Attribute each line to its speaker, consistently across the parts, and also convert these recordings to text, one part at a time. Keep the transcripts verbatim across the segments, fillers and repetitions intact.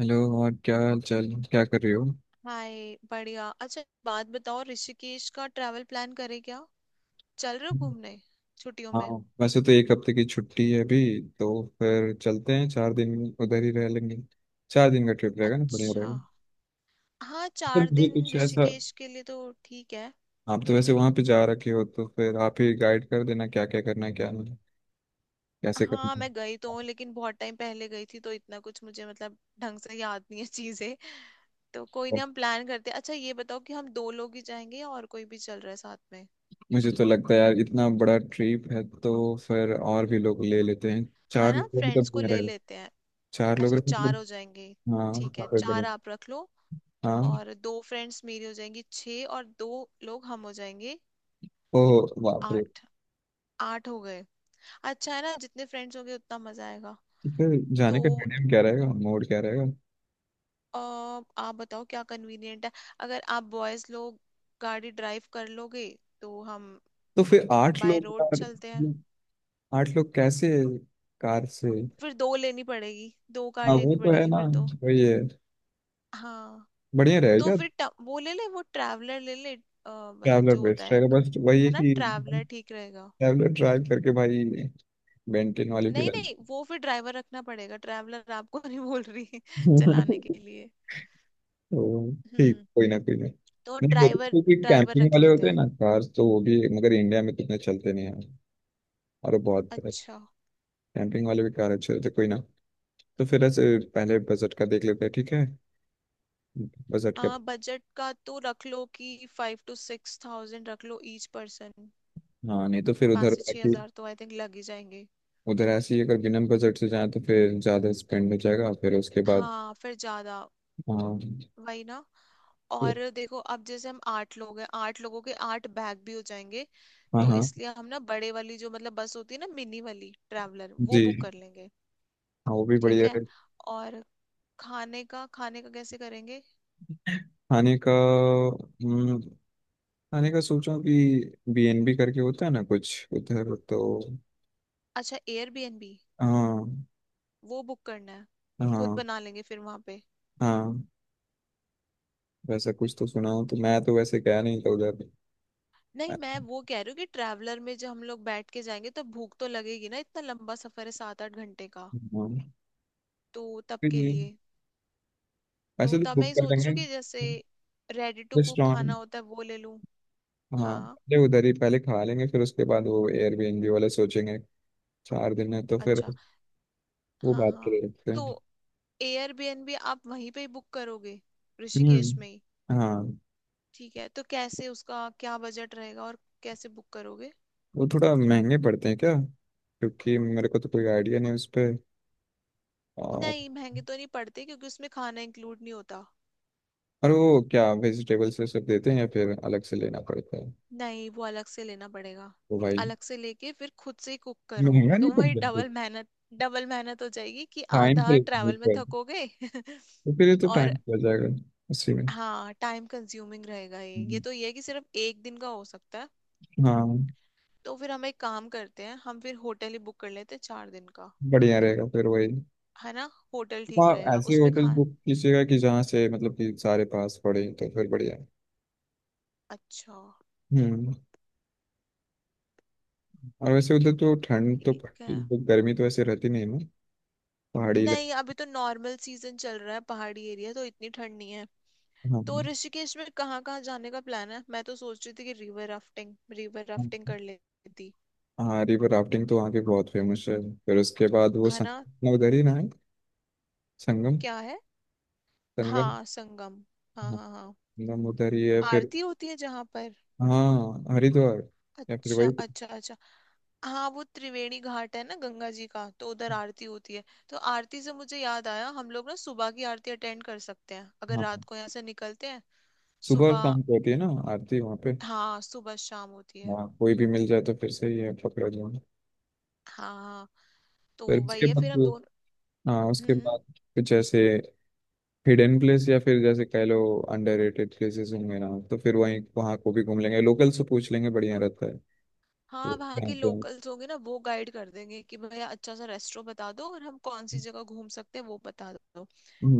Speaker 1: Hello. और क्या हाल चाल, क्या कर रहे हो?
Speaker 2: हाय, बढ़िया। अच्छा, एक बात बताओ, ऋषिकेश का ट्रैवल प्लान करें क्या? चल रहे हो घूमने छुट्टियों
Speaker 1: हाँ।
Speaker 2: में?
Speaker 1: वैसे तो एक हफ्ते की छुट्टी है अभी, तो फिर चलते हैं चार दिन, उधर ही रह लेंगे। चार दिन का ट्रिप रहेगा ना, बढ़िया
Speaker 2: अच्छा।
Speaker 1: रहेगा।
Speaker 2: हाँ,
Speaker 1: फिर
Speaker 2: चार
Speaker 1: मुझे
Speaker 2: दिन
Speaker 1: कुछ ऐसा,
Speaker 2: ऋषिकेश के लिए तो ठीक है।
Speaker 1: आप तो वैसे वहाँ पे जा रखे हो तो फिर आप ही गाइड कर देना क्या क्या करना है क्या नहीं, कैसे
Speaker 2: हाँ,
Speaker 1: करना है।
Speaker 2: मैं गई तो हूँ, लेकिन बहुत टाइम पहले गई थी, तो इतना कुछ मुझे मतलब ढंग से याद नहीं है चीजें। तो कोई
Speaker 1: और
Speaker 2: नहीं, हम प्लान करते हैं। अच्छा ये बताओ कि हम दो लोग ही जाएंगे या और कोई भी चल रहा है साथ में?
Speaker 1: मुझे तो लगता है यार, इतना बड़ा ट्रिप है तो फिर और भी लोग ले लेते हैं।
Speaker 2: हाँ
Speaker 1: चार
Speaker 2: ना,
Speaker 1: लोग का
Speaker 2: फ्रेंड्स
Speaker 1: मतलब
Speaker 2: को
Speaker 1: नहीं
Speaker 2: ले
Speaker 1: रहेगा,
Speaker 2: लेते हैं।
Speaker 1: चार लोग
Speaker 2: अच्छा,
Speaker 1: रहेगा
Speaker 2: चार
Speaker 1: मतलब।
Speaker 2: हो जाएंगे।
Speaker 1: हाँ,
Speaker 2: ठीक है,
Speaker 1: काफी बढ़िया।
Speaker 2: चार आप रख लो
Speaker 1: हाँ,
Speaker 2: और दो फ्रेंड्स मेरी हो जाएंगी, छः। और दो लोग हम हो जाएंगे।
Speaker 1: ओह बाप रे।
Speaker 2: आठ। आठ हो गए। अच्छा है ना, जितने फ्रेंड्स होंगे उतना मजा आएगा।
Speaker 1: तो फिर जाने
Speaker 2: तो
Speaker 1: का मीडियम क्या रहेगा, मोड क्या रहेगा?
Speaker 2: अ, आप बताओ क्या कन्वीनियंट है। अगर आप बॉयज लोग गाड़ी ड्राइव कर लोगे तो हम
Speaker 1: तो फिर आठ
Speaker 2: बाय
Speaker 1: लोग
Speaker 2: रोड
Speaker 1: यार,
Speaker 2: चलते हैं।
Speaker 1: आठ लोग कैसे? कार से?
Speaker 2: फिर दो लेनी पड़ेगी, दो कार
Speaker 1: हाँ वो
Speaker 2: लेनी
Speaker 1: तो है
Speaker 2: पड़ेगी
Speaker 1: ना,
Speaker 2: फिर तो।
Speaker 1: वही है,
Speaker 2: हाँ।
Speaker 1: बढ़िया
Speaker 2: तो
Speaker 1: रहेगा।
Speaker 2: फिर ट- वो ले ले वो ट्रैवलर ले ले, अ, मतलब
Speaker 1: ट्रैवलर
Speaker 2: जो होता
Speaker 1: बेस्ट
Speaker 2: है
Speaker 1: रहेगा,
Speaker 2: एक,
Speaker 1: बस वही
Speaker 2: है
Speaker 1: है
Speaker 2: ना,
Speaker 1: कि
Speaker 2: ट्रैवलर ठीक रहेगा।
Speaker 1: ट्रैवलर ड्राइव करके भाई, बेंटिन वाली भी
Speaker 2: नहीं नहीं,
Speaker 1: रहती।
Speaker 2: वो फिर ड्राइवर रखना पड़ेगा। ट्रैवलर आपको नहीं बोल रही चलाने के लिए।
Speaker 1: तो ठीक,
Speaker 2: हम्म।
Speaker 1: कोई ना कोई ना।
Speaker 2: तो
Speaker 1: नहीं वो तो
Speaker 2: ड्राइवर
Speaker 1: क्योंकि
Speaker 2: ड्राइवर
Speaker 1: कैंपिंग
Speaker 2: रख
Speaker 1: वाले
Speaker 2: लेते
Speaker 1: होते हैं
Speaker 2: हैं।
Speaker 1: ना, कार तो वो भी, मगर इंडिया में तो इतने चलते नहीं हैं, और वो बहुत।
Speaker 2: अच्छा।
Speaker 1: कैंपिंग वाले भी कार अच्छे होते हैं। कोई ना। तो फिर ऐसे पहले बजट का देख लेते हैं, ठीक है, बजट
Speaker 2: आ
Speaker 1: का।
Speaker 2: बजट का तो रख लो कि फाइव टू सिक्स थाउजेंड रख लो ईच पर्सन।
Speaker 1: हाँ नहीं तो फिर
Speaker 2: पाँच
Speaker 1: उधर
Speaker 2: से
Speaker 1: है
Speaker 2: छह
Speaker 1: कि
Speaker 2: हजार तो आई थिंक लग ही जाएंगे।
Speaker 1: उधर ऐसे ही अगर बिना बजट से जाए तो फिर ज़्यादा स्पेंड हो जाएगा फिर उसके बाद।
Speaker 2: हाँ, फिर ज्यादा,
Speaker 1: हाँ।
Speaker 2: वही ना। और देखो, अब जैसे हम आठ लोग हैं, आठ लोगों के आठ बैग भी हो जाएंगे।
Speaker 1: हाँ
Speaker 2: तो
Speaker 1: हाँ
Speaker 2: इसलिए हम ना बड़े वाली, जो मतलब बस होती है ना मिनी वाली ट्रैवलर, वो बुक
Speaker 1: जी,
Speaker 2: कर लेंगे।
Speaker 1: हाँ वो भी
Speaker 2: ठीक
Speaker 1: बढ़िया
Speaker 2: है।
Speaker 1: है।
Speaker 2: और खाने का, खाने का कैसे करेंगे?
Speaker 1: खाने का हम्म, खाने का सोचा कि बी एन बी करके होता है ना कुछ उधर तो।
Speaker 2: अच्छा, एयरबीएनबी।
Speaker 1: हाँ।
Speaker 2: वो बुक करना है? खुद
Speaker 1: हाँ
Speaker 2: बना लेंगे फिर वहां पे?
Speaker 1: हाँ। वैसा कुछ तो सुना हूँ, तो मैं तो वैसे गया नहीं था उधर।
Speaker 2: नहीं, मैं वो कह रही हूँ कि ट्रैवलर में जब हम लोग बैठ के जाएंगे तो भूख तो लगेगी ना, इतना लंबा सफर है, सात आठ घंटे का।
Speaker 1: हाँ
Speaker 2: तो तब
Speaker 1: फिर
Speaker 2: के
Speaker 1: ये-
Speaker 2: लिए, तो
Speaker 1: ऐसे तो
Speaker 2: तब मैं
Speaker 1: बुक
Speaker 2: ये
Speaker 1: कर
Speaker 2: सोच रही
Speaker 1: लेंगे।
Speaker 2: हूँ कि जैसे रेडी टू कुक खाना
Speaker 1: रेस्टोरेंट,
Speaker 2: होता है, वो ले लूँ।
Speaker 1: हाँ
Speaker 2: हाँ।
Speaker 1: पहले उधर ही पहले खा लेंगे फिर उसके बाद वो एयरबीएनबी वाले सोचेंगे। चार दिन है तो फिर
Speaker 2: अच्छा।
Speaker 1: वो
Speaker 2: हाँ
Speaker 1: बात
Speaker 2: हाँ।
Speaker 1: के लिए रखते
Speaker 2: तो
Speaker 1: हैं।
Speaker 2: एयरबीएनबी आप वहीं पे ही बुक करोगे, ऋषिकेश
Speaker 1: हम्म।
Speaker 2: में ही?
Speaker 1: हाँ
Speaker 2: ठीक है, तो कैसे, उसका क्या बजट रहेगा और कैसे बुक करोगे?
Speaker 1: वो थोड़ा महंगे पड़ते हैं क्या, क्योंकि मेरे को तो कोई आइडिया नहीं उस पर। और
Speaker 2: नहीं, महंगे तो नहीं पड़ते, क्योंकि उसमें खाना इंक्लूड नहीं होता।
Speaker 1: और वो क्या वेजिटेबल्स ये सब देते हैं या फिर अलग से लेना पड़ता है?
Speaker 2: नहीं, वो अलग से लेना पड़ेगा।
Speaker 1: वो भाई
Speaker 2: अलग से लेके फिर खुद से ही कुक करो,
Speaker 1: महंगा नहीं
Speaker 2: तो वही
Speaker 1: पड़ता है,
Speaker 2: डबल मेहनत। डबल मेहनत हो जाएगी कि
Speaker 1: टाइम
Speaker 2: आधा
Speaker 1: पे नहीं
Speaker 2: ट्रैवल में
Speaker 1: पड़ता,
Speaker 2: थकोगे
Speaker 1: तो फिर ये तो
Speaker 2: और
Speaker 1: टाइम पे आ जाएगा उसी में।
Speaker 2: हाँ, टाइम कंज्यूमिंग रहेगा ये। ये
Speaker 1: हम्म।
Speaker 2: तो ये है कि सिर्फ एक दिन का हो सकता है।
Speaker 1: हाँ
Speaker 2: तो फिर हम एक काम करते हैं, हम फिर होटल ही बुक कर लेते हैं चार दिन का।
Speaker 1: बढ़िया रहेगा फिर वही।
Speaker 2: है ना, होटल
Speaker 1: तो
Speaker 2: ठीक
Speaker 1: आप
Speaker 2: रहेगा,
Speaker 1: ऐसे
Speaker 2: उसमें
Speaker 1: होटल
Speaker 2: खा।
Speaker 1: बुक कीजिएगा कि जहाँ से मतलब कि सारे पास पड़े, तो फिर बढ़िया है।
Speaker 2: अच्छा।
Speaker 1: हम्म। और वैसे उधर तो ठंड तो
Speaker 2: ठीक
Speaker 1: पड़ती
Speaker 2: है।
Speaker 1: है, तो गर्मी तो ऐसे रहती नहीं ना, पहाड़ी
Speaker 2: नहीं,
Speaker 1: इलाका।
Speaker 2: अभी तो नॉर्मल सीजन चल रहा है, पहाड़ी एरिया तो इतनी ठंड नहीं है। तो
Speaker 1: हाँ
Speaker 2: ऋषिकेश में कहाँ कहाँ जाने का प्लान है? मैं तो सोच रही थी कि रिवर राफ्टिंग, रिवर
Speaker 1: हाँ।
Speaker 2: राफ्टिंग कर लेती।
Speaker 1: हाँ, रिवर राफ्टिंग तो वहाँ की बहुत फेमस है। फिर उसके बाद वो
Speaker 2: है ना।
Speaker 1: संगम उधर ही ना है, संगम।
Speaker 2: क्या है?
Speaker 1: संगम।
Speaker 2: हाँ, संगम। हाँ
Speaker 1: हाँ,
Speaker 2: हाँ हाँ।
Speaker 1: संगम उधर ही है फिर।
Speaker 2: आरती होती है जहाँ पर।
Speaker 1: हाँ हरिद्वार, या फिर
Speaker 2: अच्छा
Speaker 1: वही।
Speaker 2: अच्छा अच्छा। हाँ, वो त्रिवेणी घाट है ना, गंगा जी का, तो उधर आरती होती है। तो आरती से मुझे याद आया, हम लोग ना सुबह की आरती अटेंड कर सकते हैं अगर
Speaker 1: हाँ
Speaker 2: रात
Speaker 1: हाँ।
Speaker 2: को यहाँ से निकलते हैं।
Speaker 1: सुबह और
Speaker 2: सुबह।
Speaker 1: शाम को होती है ना आरती वहाँ पे।
Speaker 2: हाँ, सुबह शाम होती है।
Speaker 1: हाँ कोई भी मिल जाए तो फिर सही है, पकड़ा जाए।
Speaker 2: हाँ हाँ। तो
Speaker 1: फिर उसके
Speaker 2: वही है
Speaker 1: बाद
Speaker 2: फिर हम
Speaker 1: वो- हाँ उसके
Speaker 2: दोनों।
Speaker 1: बाद कुछ ऐसे हिडन प्लेस या फिर जैसे कह लो अंडररेटेड प्लेसेस होंगे ना, तो फिर वहीं वहाँ को भी घूम लेंगे, लोकल से पूछ लेंगे बढ़िया रहता है। तो
Speaker 2: हाँ, वहाँ
Speaker 1: वहाँ
Speaker 2: के
Speaker 1: पे-
Speaker 2: लोकल्स होंगे ना, वो गाइड कर देंगे कि भैया अच्छा सा रेस्टोरेंट बता दो, और हम कौन सी जगह घूम सकते हैं वो बता दो।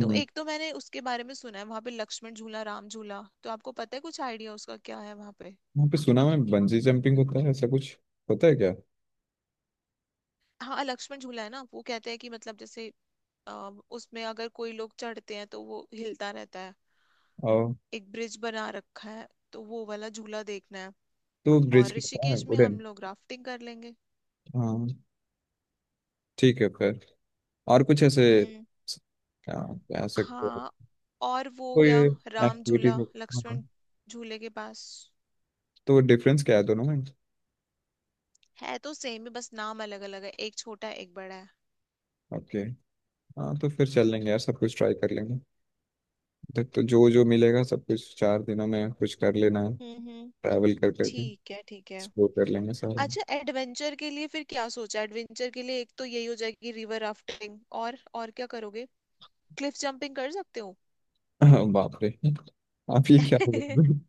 Speaker 2: तो एक तो मैंने उसके बारे में सुना है, वहाँ पे लक्ष्मण झूला, राम झूला, तो आपको पता है कुछ आइडिया उसका क्या है वहाँ पे?
Speaker 1: वहाँ पे सुना मैं बंजी जंपिंग होता है ऐसा कुछ, होता है क्या?
Speaker 2: हाँ, लक्ष्मण झूला है ना, वो कहते हैं कि मतलब जैसे अ, उसमें अगर कोई लोग चढ़ते हैं तो वो हिलता रहता है।
Speaker 1: और
Speaker 2: एक ब्रिज बना रखा है, तो वो वाला झूला देखना है।
Speaker 1: तो ब्रिज
Speaker 2: और
Speaker 1: कितना है,
Speaker 2: ऋषिकेश में
Speaker 1: वुडन?
Speaker 2: हम लोग राफ्टिंग कर लेंगे।
Speaker 1: हाँ ठीक है फिर। और कुछ ऐसे
Speaker 2: हम्म।
Speaker 1: क्या कह सकते
Speaker 2: हाँ
Speaker 1: हैं,
Speaker 2: और वो हो
Speaker 1: कोई
Speaker 2: गया, राम
Speaker 1: एक्टिविटी?
Speaker 2: झूला, लक्ष्मण
Speaker 1: हाँ
Speaker 2: झूले के पास
Speaker 1: तो डिफरेंस क्या है दोनों में?
Speaker 2: है तो सेम ही, बस नाम अलग अलग है, एक छोटा है एक बड़ा है।
Speaker 1: ओके। हाँ तो फिर चल लेंगे यार, सब कुछ ट्राई कर लेंगे। तो, तो जो जो मिलेगा सब कुछ चार दिनों में कुछ कर लेना है।
Speaker 2: हम्म हम्म।
Speaker 1: ट्रैवल कर करके
Speaker 2: ठीक है ठीक है।
Speaker 1: एक्सप्लोर कर लेंगे सारा।
Speaker 2: अच्छा, एडवेंचर के लिए फिर क्या सोचा? एडवेंचर के लिए एक तो यही हो जाएगी, रिवर राफ्टिंग, और और क्या करोगे? क्लिफ जंपिंग कर सकते हो।
Speaker 1: बाप रे, आप ये क्या बोल रहे हो?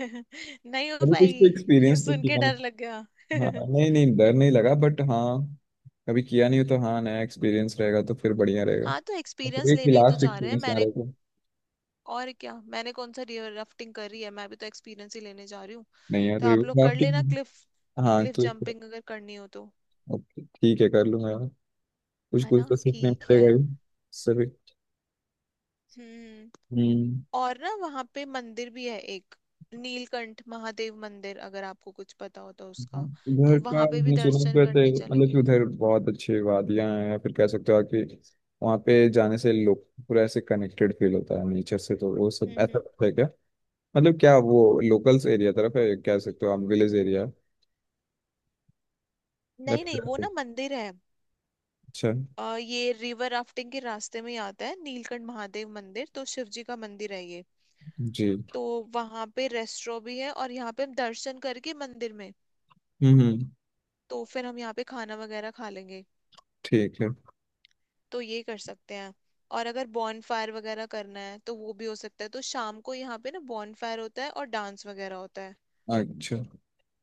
Speaker 2: नहीं हो
Speaker 1: कभी कुछ तो
Speaker 2: पाएगी
Speaker 1: एक्सपीरियंस तो
Speaker 2: सुन के
Speaker 1: किया
Speaker 2: डर लग
Speaker 1: ना।
Speaker 2: गया
Speaker 1: हाँ नहीं नहीं, डर नहीं लगा बट हाँ, कभी किया नहीं हो तो हाँ नया एक्सपीरियंस रहेगा तो फिर बढ़िया रहेगा।
Speaker 2: हाँ, तो
Speaker 1: और फिर
Speaker 2: एक्सपीरियंस
Speaker 1: एक
Speaker 2: लेने ही तो
Speaker 1: लास्ट
Speaker 2: जा रहे हैं
Speaker 1: एक्सपीरियंस यहाँ
Speaker 2: मैंने।
Speaker 1: रहेगा।
Speaker 2: और क्या, मैंने कौन सा रिवर राफ्टिंग करी है, मैं भी तो एक्सपीरियंस ही लेने जा रही हूँ।
Speaker 1: नहीं यार,
Speaker 2: तो
Speaker 1: रिवर
Speaker 2: आप लोग कर लेना
Speaker 1: राफ्टिंग।
Speaker 2: क्लिफ,
Speaker 1: हाँ
Speaker 2: क्लिफ
Speaker 1: क्लिक।
Speaker 2: जंपिंग अगर करनी हो तो।
Speaker 1: ओके ठीक है, कर लूंगा यार। कुछ
Speaker 2: है
Speaker 1: कुछ
Speaker 2: ना,
Speaker 1: तो सीखने
Speaker 2: ठीक है।
Speaker 1: मिलेगा ही। सभी।
Speaker 2: हम्म।
Speaker 1: हम्म।
Speaker 2: और ना, वहाँ पे मंदिर भी है एक, नीलकंठ महादेव मंदिर, अगर आपको कुछ पता हो तो
Speaker 1: हाँ,
Speaker 2: उसका,
Speaker 1: उधर
Speaker 2: तो
Speaker 1: का
Speaker 2: वहां पे भी
Speaker 1: मैंने सुना है कि
Speaker 2: दर्शन
Speaker 1: वैसे
Speaker 2: करने
Speaker 1: मतलब कि
Speaker 2: चलेंगे।
Speaker 1: उधर बहुत अच्छी वादियां हैं, या फिर कह सकते हो आप कि वहाँ पे जाने से लोग पूरा ऐसे कनेक्टेड फील होता है नेचर से, तो वो सब
Speaker 2: हम्म
Speaker 1: ऐसा
Speaker 2: हम्म।
Speaker 1: कुछ है क्या? मतलब क्या वो लोकल्स एरिया तरफ है, कह सकते हो आप विलेज एरिया, या
Speaker 2: नहीं नहीं, वो
Speaker 1: फिर?
Speaker 2: ना मंदिर है।
Speaker 1: अच्छा।
Speaker 2: अ, ये रिवर राफ्टिंग के रास्ते में ही आता है, नीलकंठ महादेव मंदिर, तो शिव जी का मंदिर है ये।
Speaker 1: जी।
Speaker 2: तो वहां पे रेस्टोरेंट भी है, और यहाँ पे हम दर्शन करके मंदिर में,
Speaker 1: हम्म हम्म,
Speaker 2: तो फिर हम यहाँ पे खाना वगैरह खा लेंगे।
Speaker 1: ठीक है।
Speaker 2: तो ये कर सकते हैं। और अगर बॉन फायर वगैरह करना है तो वो भी हो सकता है, तो शाम को यहाँ पे ना बॉन फायर होता है और डांस वगैरह होता है।
Speaker 1: अच्छा।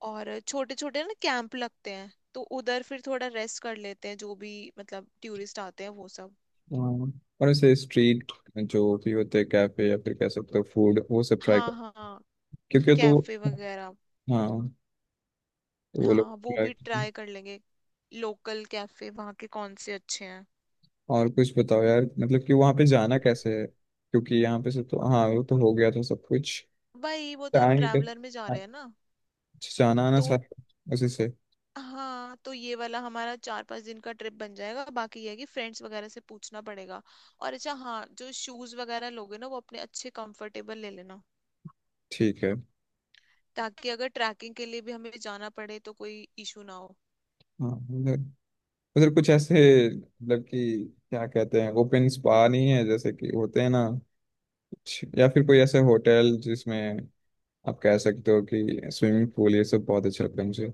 Speaker 2: और छोटे छोटे ना कैंप लगते हैं, तो उधर फिर थोड़ा रेस्ट कर लेते हैं, जो भी मतलब टूरिस्ट आते हैं वो सब।
Speaker 1: हाँ, और ऐसे स्ट्रीट जो भी होते हैं कैफे या फिर कह सकते हो फूड, वो सब ट्राई
Speaker 2: हाँ
Speaker 1: कर,
Speaker 2: हाँ,
Speaker 1: क्योंकि
Speaker 2: कैफे
Speaker 1: तो।
Speaker 2: वगैरह,
Speaker 1: हाँ तो वो लोग
Speaker 2: हाँ वो
Speaker 1: ट्राई।
Speaker 2: भी ट्राई कर लेंगे। लोकल कैफे वहाँ के कौन से अच्छे हैं?
Speaker 1: और कुछ बताओ यार, मतलब कि वहां पे जाना कैसे है, क्योंकि यहाँ पे से तो, हाँ वो तो हो गया था सब कुछ।
Speaker 2: भाई, वो
Speaker 1: तो
Speaker 2: तो हम
Speaker 1: आएंगे कैसे?
Speaker 2: ट्रैवलर में जा रहे हैं ना।
Speaker 1: अच्छा, जाना आना
Speaker 2: तो
Speaker 1: सारा उसी से।
Speaker 2: हाँ, तो ये वाला हमारा चार पांच दिन का ट्रिप बन जाएगा, बाकी ये है कि फ्रेंड्स वगैरह से पूछना पड़ेगा। और अच्छा हाँ, जो शूज वगैरह लोगे ना, वो अपने अच्छे कंफर्टेबल ले लेना,
Speaker 1: ठीक है।
Speaker 2: ताकि अगर ट्रैकिंग के लिए भी हमें जाना पड़े तो कोई इशू ना हो।
Speaker 1: हाँ उधर उधर कुछ ऐसे मतलब कि क्या कहते हैं, ओपन स्पा नहीं है जैसे कि होते हैं ना, कुछ, या फिर कोई ऐसे होटल जिसमें आप कह सकते हो कि स्विमिंग पूल, ये सब बहुत अच्छा लगता है मुझे।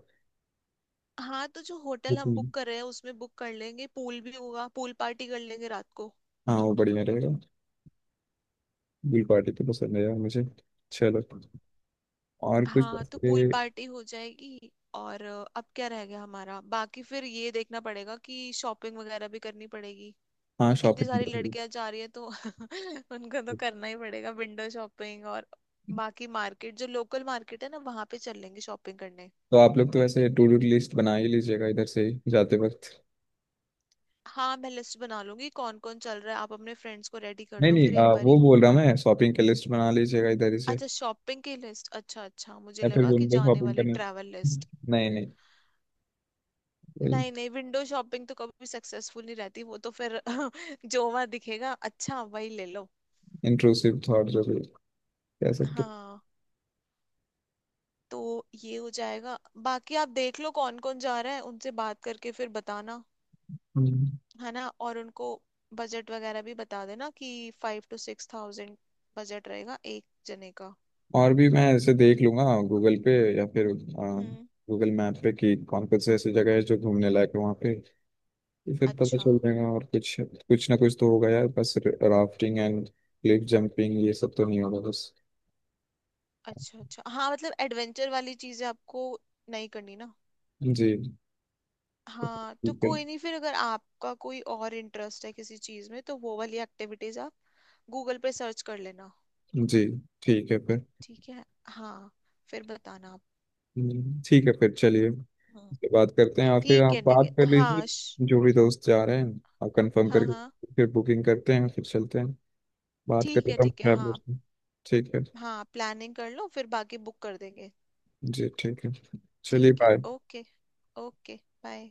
Speaker 2: हाँ, तो जो होटल हम
Speaker 1: बिल्कुल।
Speaker 2: बुक कर रहे हैं उसमें बुक कर लेंगे, पूल भी होगा, पूल पार्टी कर लेंगे रात को।
Speaker 1: हाँ वो बढ़िया रहेगा। बिल पार्टी तो पसंद है यार मुझे। चलो, और कुछ
Speaker 2: हाँ, तो
Speaker 1: ऐसे।
Speaker 2: पूल पार्टी हो जाएगी और अ, अब क्या रह गया हमारा बाकी? फिर ये देखना पड़ेगा कि शॉपिंग वगैरह भी करनी पड़ेगी।
Speaker 1: हाँ
Speaker 2: इतनी सारी
Speaker 1: शॉपिंग।
Speaker 2: लड़कियां जा रही है, तो उनको तो करना ही पड़ेगा विंडो शॉपिंग। और बाकी मार्केट, जो लोकल मार्केट है ना, वहां पे चल लेंगे शॉपिंग करने।
Speaker 1: तो आप लोग तो वैसे टू डू लिस्ट बना ही लीजिएगा इधर से ही जाते वक्त।
Speaker 2: हाँ, मैं लिस्ट बना लूंगी कौन कौन चल रहा है, आप अपने फ्रेंड्स को रेडी कर
Speaker 1: नहीं
Speaker 2: लो फिर
Speaker 1: नहीं,
Speaker 2: एक
Speaker 1: आ, वो
Speaker 2: बारी।
Speaker 1: बोल रहा मैं शॉपिंग की लिस्ट बना लीजिएगा इधर ही से।
Speaker 2: अच्छा, शॉपिंग की लिस्ट, अच्छा अच्छा, मुझे
Speaker 1: या फिर
Speaker 2: लगा कि
Speaker 1: रूम पे
Speaker 2: जाने
Speaker 1: शॉपिंग
Speaker 2: वाली
Speaker 1: करने।
Speaker 2: Travel list.
Speaker 1: नहीं नहीं,
Speaker 2: नहीं नहीं, विंडो शॉपिंग तो कभी सक्सेसफुल नहीं रहती, वो तो फिर जो वहां दिखेगा अच्छा वही ले लो।
Speaker 1: इंट्रूसिव थॉट जो भी, कह सकते हो।
Speaker 2: हाँ, तो ये हो जाएगा। बाकी आप देख लो कौन कौन जा रहा है, उनसे बात करके फिर बताना,
Speaker 1: हम्म।
Speaker 2: है ना, और उनको बजट वगैरह भी बता देना कि five two six thousand budget रहेगा एक जने का।
Speaker 1: और भी मैं ऐसे देख लूंगा गूगल पे या फिर
Speaker 2: हम्म।
Speaker 1: गूगल मैप पे कि कौन कौन से ऐसी जगह है जो घूमने लायक है वहाँ पे। ये फिर पता
Speaker 2: अच्छा
Speaker 1: चल जाएगा, और कुछ कुछ ना कुछ तो होगा यार, बस राफ्टिंग एंड क्लिफ जंपिंग ये सब तो नहीं होगा बस।
Speaker 2: अच्छा अच्छा। हाँ, मतलब एडवेंचर वाली चीजें आपको नहीं करनी ना।
Speaker 1: जी
Speaker 2: हाँ, तो
Speaker 1: ठीक है।
Speaker 2: कोई नहीं, फिर अगर आपका कोई और इंटरेस्ट है किसी चीज में तो वो वाली एक्टिविटीज आप गूगल पे सर्च कर लेना।
Speaker 1: जी ठीक है फिर।
Speaker 2: ठीक है हाँ। फिर बताना आप।
Speaker 1: हम्म, ठीक है, फिर चलिए।
Speaker 2: हम्म,
Speaker 1: इसके बात करते हैं, और फिर
Speaker 2: ठीक
Speaker 1: आप
Speaker 2: है। ठीक
Speaker 1: बात कर
Speaker 2: है हाँ, श-
Speaker 1: लीजिए जो भी दोस्त जा रहे हैं। आप कंफर्म
Speaker 2: हाँ
Speaker 1: करके
Speaker 2: हाँ।
Speaker 1: फिर बुकिंग करते हैं फिर चलते हैं। बात
Speaker 2: ठीक
Speaker 1: करते
Speaker 2: है
Speaker 1: हैं हम
Speaker 2: ठीक है।
Speaker 1: ट्रैवलर
Speaker 2: हाँ
Speaker 1: से। ठीक है।
Speaker 2: हाँ, प्लानिंग कर लो फिर बाकी बुक कर देंगे।
Speaker 1: जी ठीक है। चलिए,
Speaker 2: ठीक है,
Speaker 1: बाय।
Speaker 2: ओके। Okay, bye.